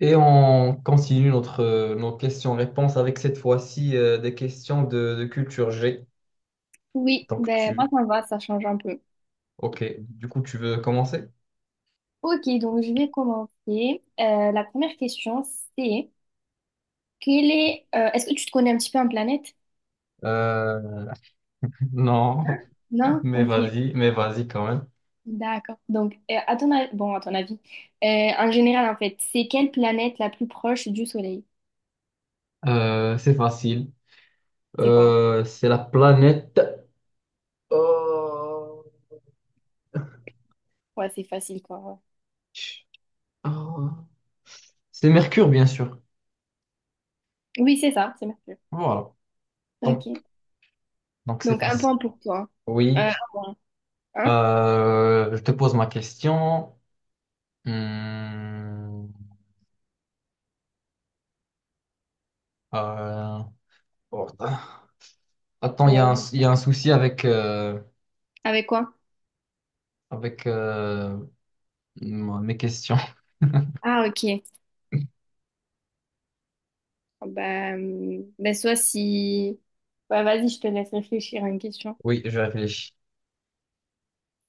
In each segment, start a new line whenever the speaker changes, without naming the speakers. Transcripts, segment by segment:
Et on continue nos questions-réponses avec cette fois-ci des questions de culture G.
Oui,
Donc
ben moi
tu,
ça me va, ça change un peu.
ok, du coup tu veux commencer?
Ok, donc je vais commencer. La première question, c'est est-ce que tu te connais un petit peu en planète?
Euh,
Hein?
non,
Non? Ok,
mais vas-y quand même.
d'accord. Donc, à ton avis, euh, en général, en fait, c'est quelle planète la plus proche du Soleil?
C'est facile.
C'est quoi?
C'est la planète. Oh,
Ouais, c'est facile, quoi. Ouais.
oh. C'est Mercure, bien sûr.
Oui, c'est ça, c'est Mercure.
Voilà.
Ok.
Donc, donc c'est
Donc, un
facile.
point pour toi. Un
Oui.
point. Hein?
Je te pose ma question. Hmm. Euh, oh. Attends, il y a
Ouais.
un, il y a un souci avec, euh,
Avec quoi?
avec euh, mes questions.
Ah, ok. Ah, bah, ben soit si. Bah, vas-y, je te laisse réfléchir à une question.
Oui, je réfléchis.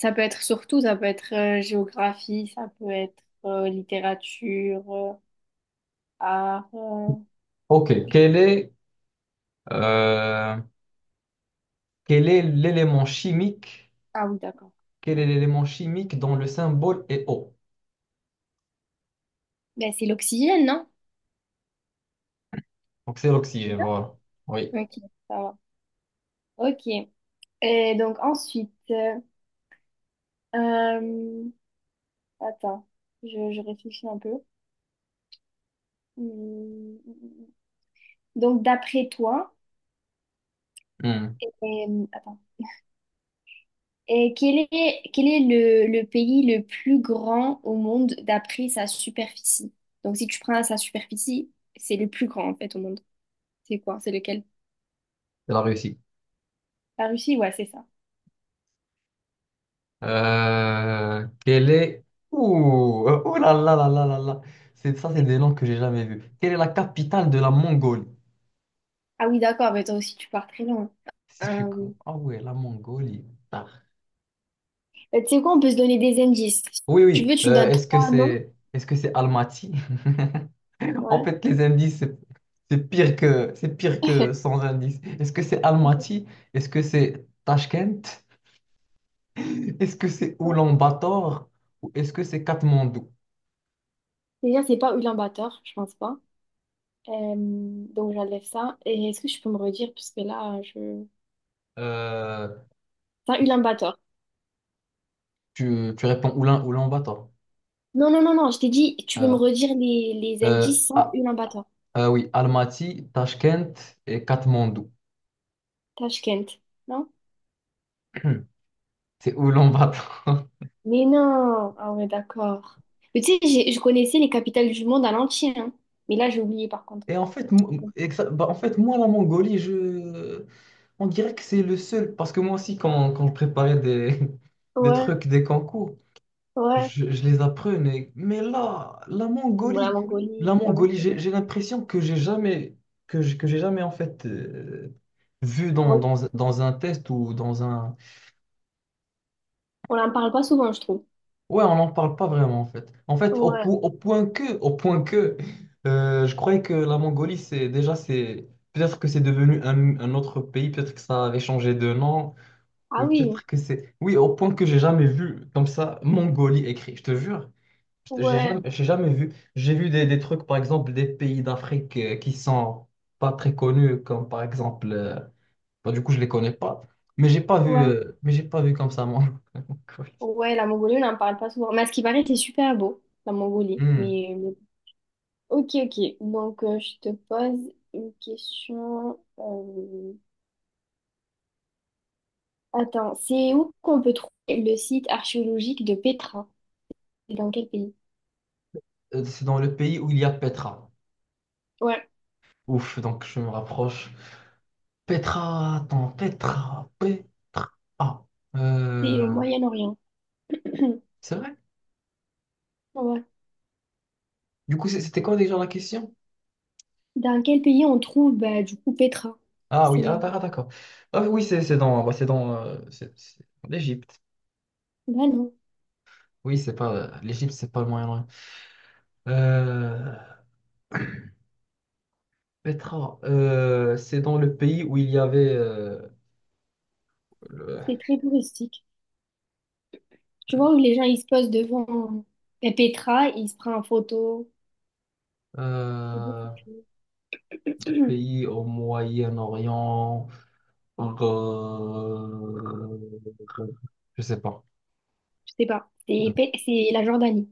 Ça peut être surtout, ça peut être géographie, ça peut être littérature, art. Je
Ok,
sais-
euh, quel est l'élément chimique,
Ah oui, d'accord.
quel
Ouais.
est l'élément chimique dont le symbole est O?
Ben, c'est l'oxygène, non?
Donc c'est
C'est
l'oxygène,
ça.
voilà. Oui,
Ok, ça va. Ok. Et donc ensuite, euh, attends, je réfléchis un peu. Hmm, hmm, hmm, hmm. Donc d'après toi,
Hmm,
et, attends. Et quel est le pays le plus grand au monde d'après sa superficie? Donc, si tu prends sa superficie, c'est le plus grand en fait au monde. C'est quoi? C'est lequel?
elle a réussi.
La Russie? Ouais, c'est ça.
Euh, quel est... Ouh, ouh là là là là là là. Ça, c'est des noms que j'ai jamais vus. Quelle est la capitale de la Mongolie?
Ah oui, d'accord, mais toi aussi, tu pars très loin.
Si tu...
Euh,
co- Ah ouais, la Mongolie. Ah.
tu sais quoi, on peut se donner des indices. Si
Oui,
tu
oui.
veux, tu me donnes trois noms.
Est-ce que c'est Almaty? En
Ouais.
fait, les indices, c'est pire que sans indice. Est-ce que c'est Almaty? Est-ce que c'est Tashkent? Est-ce que c'est Oulan-Bator? Ou est-ce que c'est Katmandou?
Déjà, c'est pas Ulaanbaatar, je pense pas. Donc, j'enlève ça. Et est-ce que je peux me redire? Parce que là, je.
Euh,
C'est pas Ulaanbaatar.
tu réponds Oulan-Bator.
Non, non, non, non, je t'ai dit, tu peux me
Euh,
redire les
euh,
indices sans
ah,
Ulaanbaatar,
oui, Almaty, Tashkent et Katmandou.
Tashkent, non?
C'est Oulan-Bator.
Mais non, ah ouais, d'accord. Mais tu sais, je connaissais les capitales du monde à l'entier, hein. Mais là, j'ai oublié par contre.
Et en fait, bah, en fait, moi, la Mongolie, je... on dirait que c'est le seul. Parce que moi aussi, quand je préparais des, des
Ouais,
trucs, des concours,
ouais.
je les apprenais. Mais là,
Bon, la
La
Mongolie, j'avoue
Mongolie,
que.
j'ai l'impression que j'ai jamais, que j'ai jamais en fait vu dans,
Re-
un test ou dans un.
On n'en parle pas souvent, je trouve.
Ouais, on n'en parle pas vraiment en fait. En fait,
Ouais.
au point que, je croyais que la Mongolie, c'est déjà, c'est peut-être que c'est devenu un autre pays, peut-être que ça avait changé de nom,
Ah
ou
oui,
peut-être que c'est, oui, au point que j'ai jamais vu comme ça Mongolie écrit. Je te jure,
ouais,
j'ai jamais vu. J'ai vu des trucs, par exemple, des pays d'Afrique qui sont pas très connus, comme par exemple, bah, du coup, je les connais pas, mais j'ai pas vu,
ouais.
mais j'ai pas vu comme ça Mongolie.
Ouais, la Mongolie, on n'en parle pas souvent. Mais à ce qui paraît, c'est super beau, la Mongolie.
Hmm.
Ok, ok. Donc, je te pose une question. Attends, c'est où qu'on peut trouver le site archéologique de Petra? C'est dans quel pays?
C'est dans le pays où il y a Petra.
Ouais,
Ouf, donc je me rapproche. Petra, attends, Petra, Petra. Ah,
c'est au
euh,
Moyen-Orient.
c'est vrai?
Ouais.
Du coup, c'était quoi déjà la question?
Dans quel pays on trouve, bah, du coup, Petra?
Ah oui,
C'est,
ah, ah, d'accord. Ah oui, c'est dans, bah, c'est dans, c'est dans l'Égypte.
bah non,
Oui, c'est pas l'Égypte, c'est pas le Moyen-Orient. Euh, Petra, c'est dans le pays où il y avait le
c'est très touristique. Tu vois où les gens ils se posent devant, Petra, ils se prennent en photo. C'est beau,
euh,
c'est tout.
pays au Moyen-Orient. Je sais pas.
Je sais pas. C'est la Jordanie.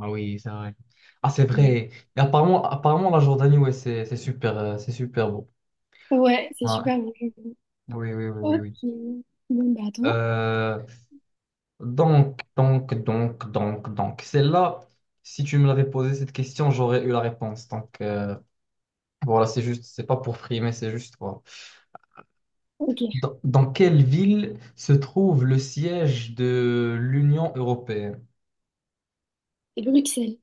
Ah oui, c'est vrai. Ah, c'est vrai. Et apparemment, apparemment, la Jordanie, ouais, c'est super beau.
Ouais, c'est
Ouais.
super bien.
Oui, oui, oui, oui,
Ok.
oui.
Bon, bah, attends.
Euh, donc, celle-là, si tu me l'avais posé cette question, j'aurais eu la réponse. Donc, voilà, c'est juste, c'est pas pour frimer, c'est juste, voilà.
Ok.
Dans quelle ville se trouve le siège de l'Union européenne?
C'est Bruxelles.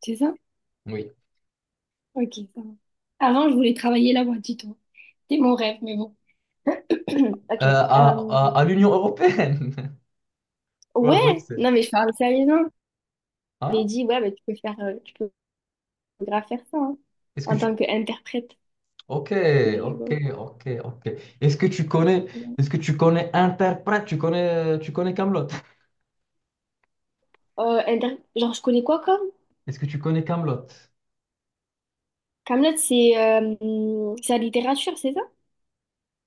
C'est ça?
Oui.
Ok, ça va. Avant, je voulais travailler là-bas, dis-toi. C'était mon rêve, mais bon. Ok. euh,
À l'Union européenne. Ouais, vrai que
ouais, non mais je parle sérieusement. J'avais
hein?
dit ouais, mais tu peux grave faire ça, hein,
Est-ce que
en
tu.
tant qu'interprète.
Ok,
Mais
ok,
bon.
ok, ok. Est-ce que tu connais.
Bon.
Est-ce que tu connais Interprète? Tu connais Kaamelott?
Genre je connais quoi comme?
Est-ce que tu connais Kaamelott?
Kaamelott, c'est la littérature, c'est ça?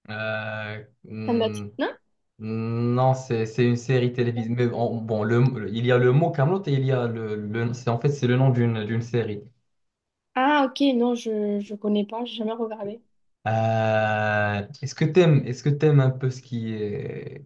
Euh,
Kaamelott,
hmm,
non?
non, c'est une série télévisée. Mais bon, il y a le mot Kaamelott et il y a c'est en fait c'est le nom d'une série.
Ah ok, non, je connais pas, j'ai jamais regardé.
Est-ce que t'aimes un peu ce qui est...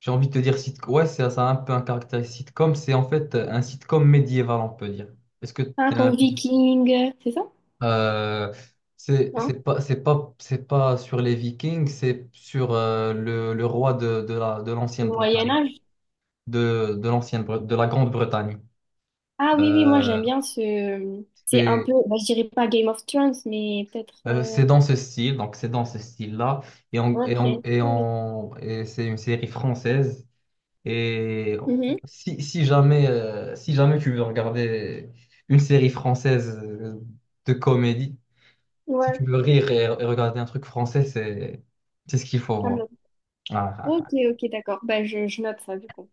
J'ai envie de te dire sitcom. Ouais, c'est ça a un peu un caractère sitcom. C'est en fait un sitcom médiéval, on peut dire. Est-ce que
Ah
t'aimes
comme
un peu ça?
Viking, c'est ça?
Euh, c'est c'est
Non?
pas c'est pas c'est pas sur les Vikings, c'est sur le roi de l'ancienne
Moyen
Bretagne,
Âge?
de la Grande-Bretagne.
Ah oui, oui, moi j'aime
Euh,
bien ce. C'est un peu,
c'est
bah, je dirais pas Game of Thrones, mais peut-être.
c'est dans ce style, donc c'est dans ce style-là
Ok. Hamlet.
et c'est une série française. Et
Mhm.
si jamais tu veux regarder une série française de comédie, si tu
Ouais,
veux rire et regarder un truc français, c'est ce qu'il faut voir.
Hamlet.
Ah, ah,
Ok,
ah.
ok, d'accord. Bah, je note ça, du coup.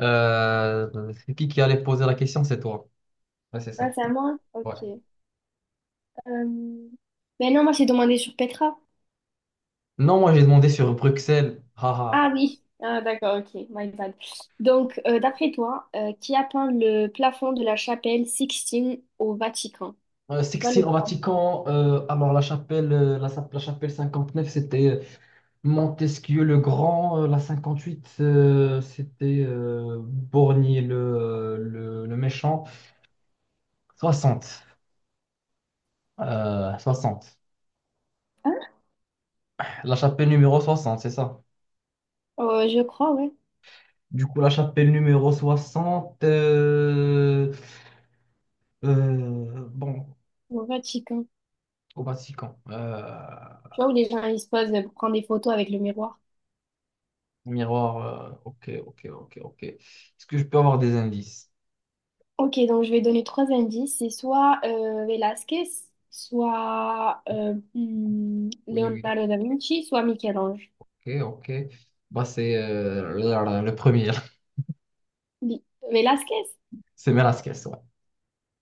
C'est qui allait poser la question? C'est toi. Ouais, c'est
Ah,
ça.
c'est à moi? Ok.
Ouais.
Ben non, moi j'ai demandé sur Petra.
Non, moi j'ai demandé sur Bruxelles. Haha.
Ah oui. Ah, d'accord, ok, my bad. Donc, d'après toi, qui a peint le plafond de la chapelle Sixtine au Vatican? Tu vois le
Sixtine au
plafond?
Vatican. Alors la chapelle, la chapelle 59, c'était Montesquieu le Grand, la 58, c'était Borgny le méchant. Soixante, 60.
Hein?
La chapelle numéro 60, c'est ça.
Je crois, ouais.
Du coup, la chapelle numéro 60, bon,
Au Vatican.
au Vatican.
Tu vois où les gens ils se posent pour prendre des photos avec le miroir?
Miroir, ok, ok, ok, ok. Est-ce que je peux avoir des indices?
Ok, donc je vais donner trois indices. C'est soit Velázquez, soit
Oui, oui,
Leonardo da Vinci, soit Michel-Ange.
ok, ok. Bah, c'est le premier,
Li- Velázquez?
c'est Velasquez, ouais.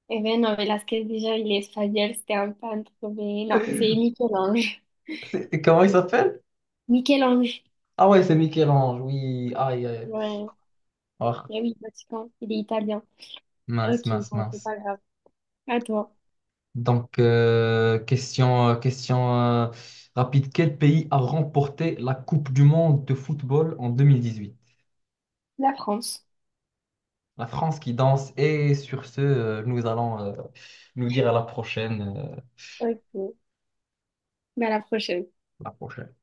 Eh ben non, Velázquez, déjà, il est espagnol, c'était un peintre, mais non, c'est Michel-Ange.
Comment il s'appelle?
Michel-Ange,
Ah ouais, c'est Michel-Ange, oui. Aïe, aïe.
ouais.
Oh,
Eh oui, Vatican, il est italien.
mince,
Ok,
mince,
bon, c'est
mince.
pas grave. À toi.
Donc, question rapide. Quel pays a remporté la Coupe du monde de football en 2018?
La France.
La France qui danse. Et sur ce, nous allons nous dire à la prochaine.
Ok, ben, à la prochaine.
À la prochaine.